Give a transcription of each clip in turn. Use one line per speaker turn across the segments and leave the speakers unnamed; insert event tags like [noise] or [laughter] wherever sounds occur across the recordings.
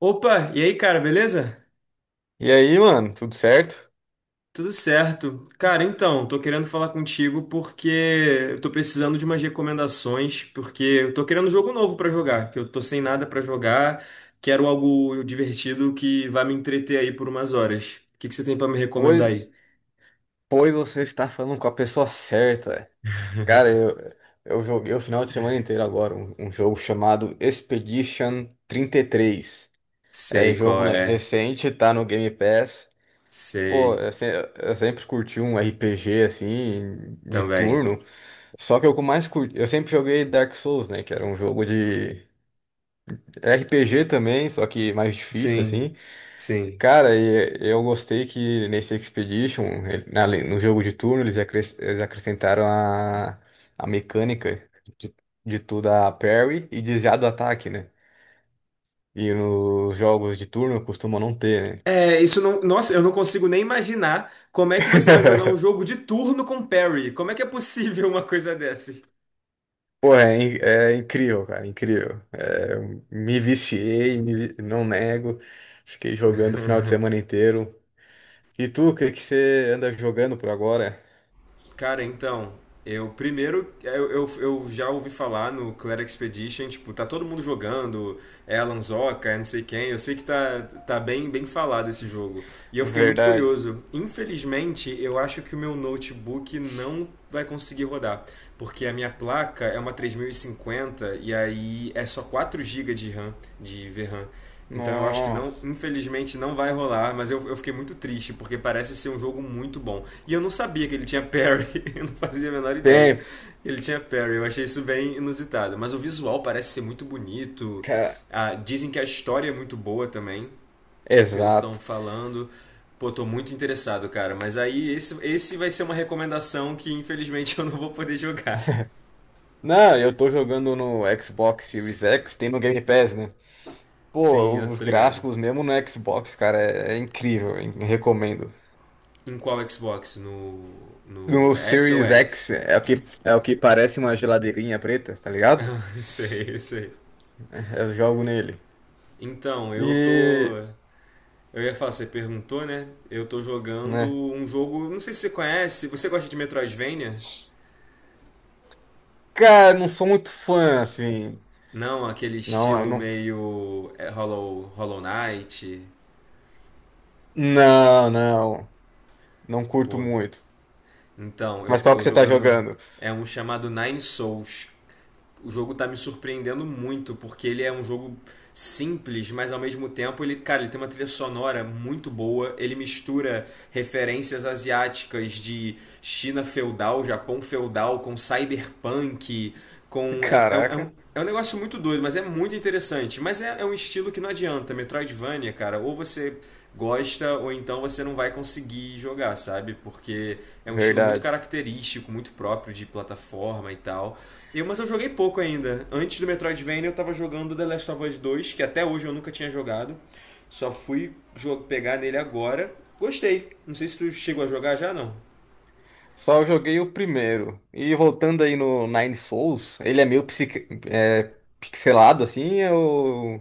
Opa, e aí, cara, beleza?
E aí, mano, tudo certo?
Tudo certo. Cara, então, tô querendo falar contigo porque eu tô precisando de umas recomendações, porque eu tô querendo um jogo novo pra jogar, que eu tô sem nada pra jogar, quero algo divertido que vá me entreter aí por umas horas. O que que você tem pra me recomendar aí?
Pois, pois você está falando com a pessoa certa. Cara, eu joguei o final de semana inteiro agora um jogo chamado Expedition 33. É
Sei
jogo
qual é.
recente, tá no Game Pass. Pô,
Sei
eu, se- Eu sempre curti um RPG assim, de
também.
turno. Só que o que eu mais curti, eu sempre joguei Dark Souls, né? Que era um jogo de RPG também, só que mais difícil,
Sim,
assim.
sim.
Cara, e eu gostei que nesse Expedition, no jogo de turno, eles acrescentaram a mecânica de, de tu dar parry e desviar do ataque, né? E nos jogos de turno costuma não ter, né?
É, isso não. Nossa, eu não consigo nem imaginar como é que você vai jogar um
[laughs]
jogo de turno com parry. Como é que é possível uma coisa dessa?
Pô, é, é incrível, cara, incrível. É, me viciei, me vi- não nego. Fiquei jogando o final de semana
[laughs]
inteiro. E tu, o que que você anda jogando por agora?
Cara, então, eu primeiro eu já ouvi falar no Clair Expedition, tipo, tá todo mundo jogando, é Alan Zoka, é não sei quem, eu sei que tá bem falado esse jogo. E eu fiquei muito
Verdade.
curioso. Infelizmente, eu acho que o meu notebook não vai conseguir rodar, porque a minha placa é uma 3050 e aí é só 4 gigas de RAM, de VRAM. Então eu acho que não,
Nossa.
infelizmente não vai rolar, mas eu fiquei muito triste, porque parece ser um jogo muito bom. E eu não sabia que ele tinha parry, [laughs] eu não fazia a menor ideia.
Tem,
Que ele tinha parry, eu achei isso bem inusitado. Mas o visual parece ser muito bonito.
cara.
Ah, dizem que a história é muito boa também, pelo que estão
Exato.
falando. Pô, tô muito interessado, cara. Mas aí esse vai ser uma recomendação que infelizmente [laughs] eu não vou poder jogar.
Não, eu tô jogando no Xbox Series X, tem no Game Pass, né?
Sim,
Pô,
eu
os
tô ligado.
gráficos mesmo no Xbox, cara, é incrível, hein? Recomendo.
Em qual Xbox? No, no
No
S ou
Series
X?
X é o que parece uma geladeirinha preta, tá ligado?
[laughs] Sei, sei.
É, eu jogo nele.
Então, eu tô.
E,
Eu ia falar, você perguntou, né? Eu tô jogando
né?
um jogo. Não sei se você conhece. Você gosta de Metroidvania?
Cara, não sou muito fã, assim.
Não, aquele
Não, eu
estilo
não.
meio, Hollow Knight.
Não, não. Não curto
Pô.
muito.
Então, eu
Mas qual que
tô
você tá
jogando.
jogando?
É um chamado Nine Souls. O jogo tá me surpreendendo muito, porque ele é um jogo simples, mas ao mesmo tempo ele, cara, ele tem uma trilha sonora muito boa, ele mistura referências asiáticas de China feudal, Japão feudal com cyberpunk,
[laughs]
com
Caraca,
é um negócio muito doido, mas é muito interessante. Mas é um estilo que não adianta. Metroidvania, cara, ou você gosta ou então você não vai conseguir jogar, sabe? Porque é um estilo muito
verdade.
característico, muito próprio de plataforma e tal. Mas eu joguei pouco ainda. Antes do Metroidvania eu tava jogando The Last of Us 2, que até hoje eu nunca tinha jogado. Só fui pegar nele agora. Gostei. Não sei se tu chegou a jogar já, não.
Só joguei o primeiro. E voltando aí no Nine Souls, ele é meio pixelado assim,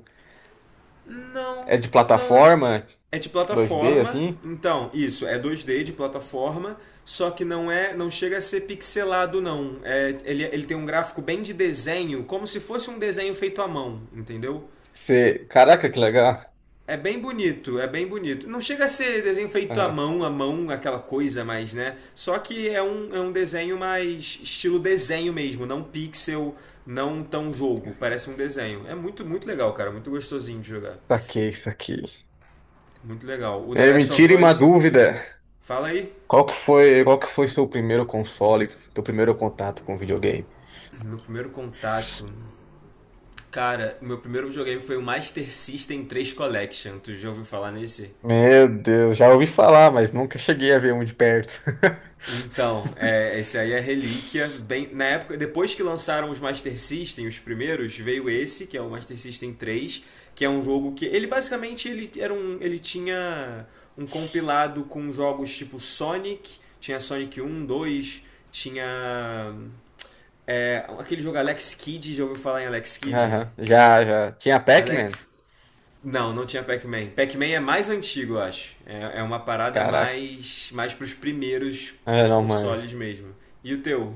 Não,
é de
não, não.
plataforma
É de
2D
plataforma,
assim.
então, isso, é dois d de plataforma, só que não chega a ser pixelado, não. É, ele tem um gráfico bem de desenho, como se fosse um desenho feito à mão, entendeu?
Você... Caraca, que legal.
É bem bonito, é bem bonito. Não chega a ser desenho feito
Ah,
à mão, aquela coisa mais, né? Só que é um desenho mais estilo desenho mesmo, não pixel, não tão jogo. Parece um desenho. É muito, muito legal, cara, muito gostosinho de jogar.
saquei isso aqui.
Muito legal. O The
É, me
Last of
tire uma
Us,
dúvida.
fala aí.
Qual que foi seu primeiro console, seu primeiro contato com videogame?
Meu primeiro contato. Cara, meu primeiro videogame foi o Master System 3 Collection. Tu já ouviu falar nesse?
Meu Deus, já ouvi falar, mas nunca cheguei a ver um de perto.
Então, esse aí é relíquia. Bem, na época, depois que lançaram os Master System, os primeiros, veio esse, que é o Master System 3, que é um jogo que ele basicamente ele era um, ele tinha um compilado com jogos tipo Sonic, tinha Sonic um, dois, tinha, aquele jogo Alex Kidd, já ouviu falar em Alex
[laughs]
Kidd?
Aham, já. Tinha Pac-Man?
Alex. Não, não tinha Pac-Man. Pac-Man é mais antigo, eu acho. É uma parada
Caraca.
mais pros primeiros
Ah, não, mano.
consoles mesmo. E o teu?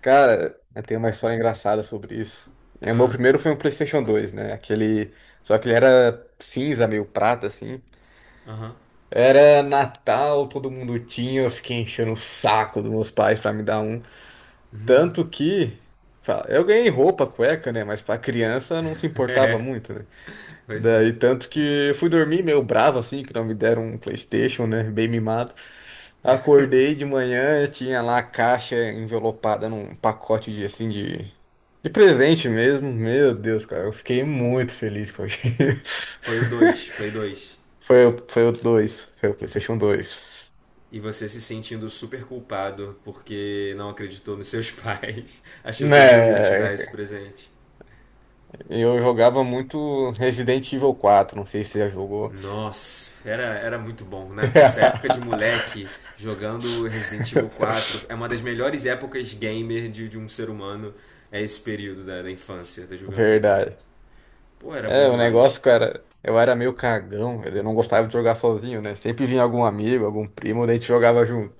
Cara, eu tenho uma história engraçada sobre isso. O meu
Ah,
primeiro foi um PlayStation 2, né? Aquele. Só que ele era cinza, meio prata, assim.
aham. [laughs]
Era Natal, todo mundo tinha, eu fiquei enchendo o saco dos meus pais pra me dar um. Tanto que. Eu ganhei roupa, cueca, né? Mas pra criança não se importava
É,
muito, né?
pois é.
Daí tanto que eu fui dormir meio bravo, assim, que não me deram um PlayStation, né? Bem mimado. Acordei de manhã, eu tinha lá a caixa envelopada num pacote de de presente mesmo. Meu Deus, cara, eu fiquei muito feliz com aquilo. [laughs]
Foi o dois, Play dois.
Foi o dois. Foi o PlayStation 2.
E você se sentindo super culpado porque não acreditou nos seus pais, [laughs] achou que eles não iam te dar
Né,
esse presente.
eu jogava muito Resident Evil 4. Não sei se você já jogou.
Nossa, era muito bom, né? Essa época de moleque jogando Resident Evil 4
[laughs]
é uma das melhores épocas gamer de um ser humano. É esse período da infância, da juventude.
Verdade.
Pô, era bom
É, o
demais.
negócio, cara, eu era meio cagão, velho, eu não gostava de jogar sozinho, né? Sempre vinha algum amigo, algum primo, daí a gente jogava junto.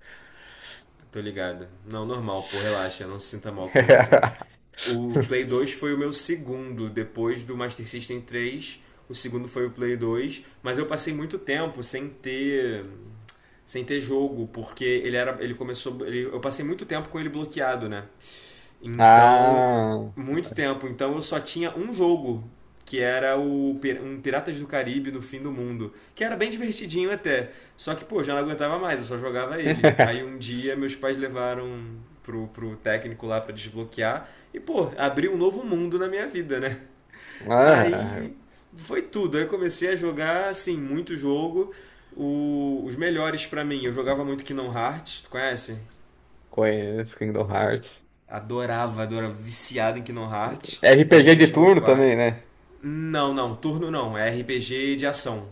Tô ligado. Não, normal, pô, relaxa, não se sinta mal com isso.
[laughs]
O Play 2 foi o meu segundo, depois do Master System 3. O segundo foi o Play 2, mas eu passei muito tempo sem ter jogo, porque ele era, ele começou, ele- eu passei muito tempo com ele bloqueado, né? Então,
Ah.
muito tempo. Então eu só tinha um jogo, que era um Piratas do Caribe no Fim do Mundo, que era bem divertidinho até. Só que, pô, já não aguentava mais, eu só jogava ele. Aí um
[laughs]
dia meus pais levaram pro técnico lá pra desbloquear e, pô, abriu um novo mundo na minha vida, né?
Ah,
Aí foi tudo. Aí eu comecei a jogar, assim, muito jogo. Os melhores pra mim, eu jogava muito Kingdom Hearts, tu conhece?
conheço Kingdom Hearts.
Adorava, adorava. Viciado em Kingdom Hearts,
É RPG de
Resident Evil
turno
4.
também, né?
Não, não, turno não. É RPG de ação.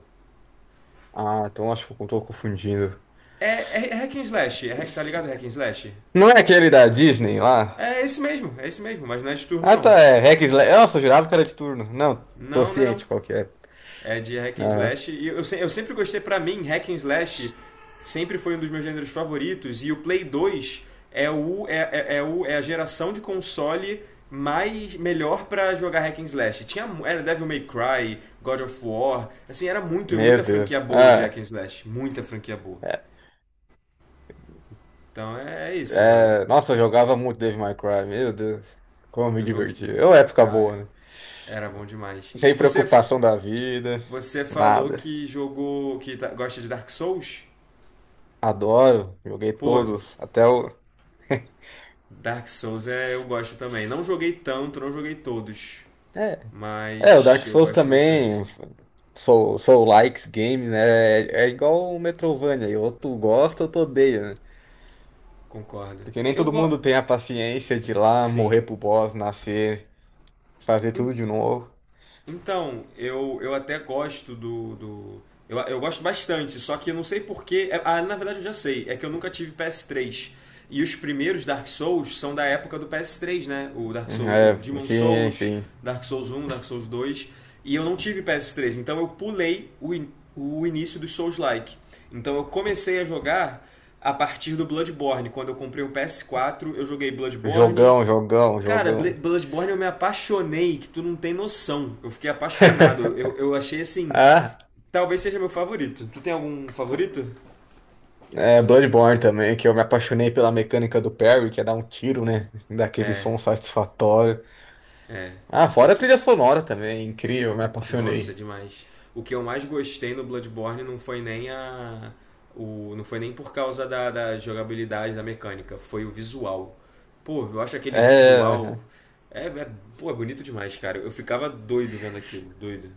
Ah, então acho que eu tô confundindo.
É hack and slash, é tá ligado hack and slash?
Não é aquele da Disney lá?
É esse mesmo, mas não é de turno
Ah, tá,
não.
é Hack and Slash. Nossa, eu jurava que era de turno. Não, tô
Não, não é não.
ciente qual que é.
É de hack and
Aham.
slash. E eu sempre gostei, pra mim, hack and slash sempre foi um dos meus gêneros favoritos. E o Play 2 é, o, é, é, é o, é a geração de console mais melhor pra jogar hack and slash. Tinha, era Devil May Cry, God of War, assim, era muito,
Meu
muita franquia
Deus.
boa de hack and slash. Muita franquia boa.
É,
Então é isso, mano.
Nossa, eu jogava muito Devil May Cry. Meu Deus, como me
Eu jogo...
diverti. É uma época
Ah,
boa, né?
era bom demais.
Sem
Você,
preocupação da vida,
você falou
nada.
que jogou... gosta de Dark Souls?
Adoro, joguei
Pô,
todos, até o...
Dark Souls eu gosto também. Não joguei tanto, não joguei todos,
[laughs] É, o
mas
Dark
eu
Souls
gosto
também,
bastante.
Soul Likes Games, né? É, é igual o Metrovania, ou tu gosta ou tu odeia, né?
Concordo.
Porque nem
Eu
todo
gosto.
mundo tem a paciência de ir lá
Sim.
morrer pro boss, nascer, fazer tudo de novo.
Então, eu gosto bastante, só que eu não sei porquê. Ah, na verdade eu já sei. É que eu nunca tive PS3. E os primeiros Dark Souls são da época do PS3, né? O Dark
Uhum,
Souls, o
É,
Demon
sim,
Souls,
sim.
Dark Souls 1, Dark Souls 2. E eu não tive PS3, então eu pulei o início dos Souls-like. Então eu comecei a jogar a partir do Bloodborne. Quando eu comprei o PS4, eu joguei Bloodborne.
Jogão, jogão,
Cara,
jogão.
Bloodborne eu me apaixonei, que tu não tem noção. Eu fiquei apaixonado. Eu,
[laughs]
eu achei assim.
Ah,
Talvez seja meu favorito. Tu tem algum favorito?
é Bloodborne também, que eu me apaixonei pela mecânica do parry, que é dar um tiro, né? Daquele
É,
som satisfatório.
é.
Ah,
O
fora a
que.
trilha sonora também, incrível, me
Nossa,
apaixonei.
demais. O que eu mais gostei no Bloodborne não foi nem por causa da jogabilidade, da mecânica, foi o visual. Pô, eu acho aquele visual.
É,
É, é, pô, é bonito demais, cara. Eu ficava doido vendo aquilo, doido.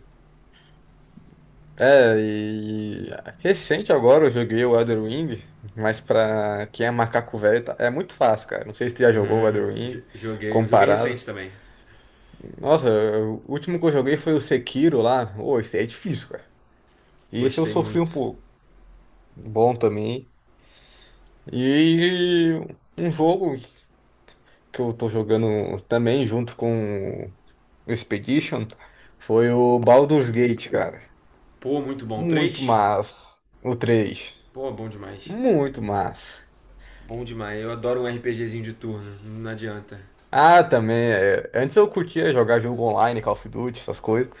e recente agora eu joguei o Elden Ring, mas pra quem é macaco velho é muito fácil, cara. Não sei se tu já
[laughs]
jogou o Elden
Jo-
Ring
Joguei, eu joguei
comparado.
recente também.
Nossa, o último que eu joguei foi o Sekiro lá. Ô, esse aí é difícil, cara. E esse eu
Gostei
sofri um
muito.
pouco. Bom também. E um jogo que eu tô jogando também junto com o Expedition foi o Baldur's Gate, cara.
Pô, muito bom.
Muito
Três?
massa. O 3,
Pô, bom demais.
muito massa.
Bom demais. Eu adoro um RPGzinho de turno. Não adianta.
Ah, também. É. Antes eu curtia jogar jogo online, Call of Duty, essas coisas.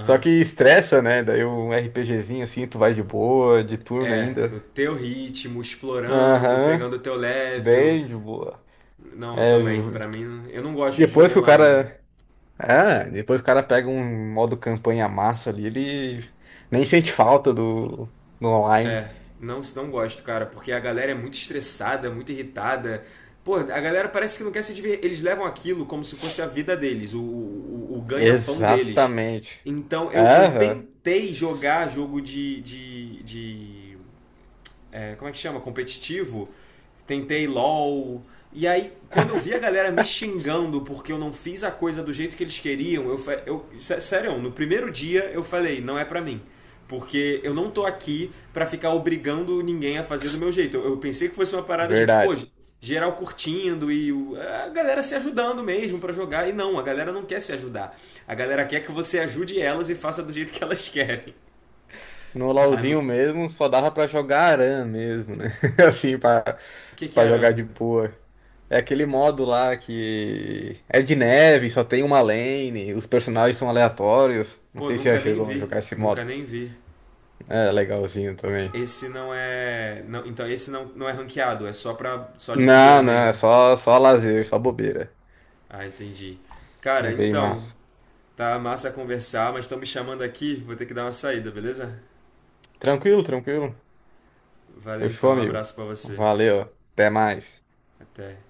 Só que estressa, né? Daí um RPGzinho assim, tu vai de boa, de turno
É,
ainda.
no teu ritmo, explorando,
Aham,
pegando o teu level.
bem de boa.
Não, eu
É,
também.
ju-
Pra mim, eu não gosto de jogo
depois que o
online.
cara. Ah, depois que o cara pega um modo campanha massa ali, ele nem sente falta do online.
É, não, não gosto, cara, porque a galera é muito estressada, muito irritada. Pô, a galera parece que não quer se divertir. Eles levam aquilo como se fosse a vida deles, o ganha-pão deles.
Exatamente.
Então, eu
Aham,
tentei jogar jogo de como é que chama? Competitivo. Tentei LOL. E aí, quando eu vi a galera me xingando porque eu não fiz a coisa do jeito que eles queriam, eu sério, no primeiro dia eu falei, não é pra mim. Porque eu não tô aqui pra ficar obrigando ninguém a fazer do meu jeito. Eu pensei que fosse uma parada tipo, pô,
verdade.
geral curtindo e a galera se ajudando mesmo pra jogar. E não, a galera não quer se ajudar. A galera quer que você ajude elas e faça do jeito que elas [laughs] querem.
No
Ah,
LoLzinho mesmo, só dava pra jogar aran mesmo, né? [laughs] Assim, pra,
o que que
pra
era?
jogar de boa. É aquele modo lá que é de neve, só tem uma lane, os personagens são aleatórios. Não
Pô,
sei se já
nunca nem
chegou a
vi,
jogar esse modo.
nunca nem vi.
É legalzinho também.
Esse não é, não, então esse não é ranqueado, é só pra, só de bobeira
Não, não, é
mesmo.
só lazer, só bobeira.
Ah, entendi. Cara,
Bem
então,
massa.
tá massa conversar, mas estão me chamando aqui, vou ter que dar uma saída, beleza?
Tranquilo, tranquilo.
Valeu
Fechou,
então, um
amigo.
abraço pra você.
Valeu, até mais.
Até.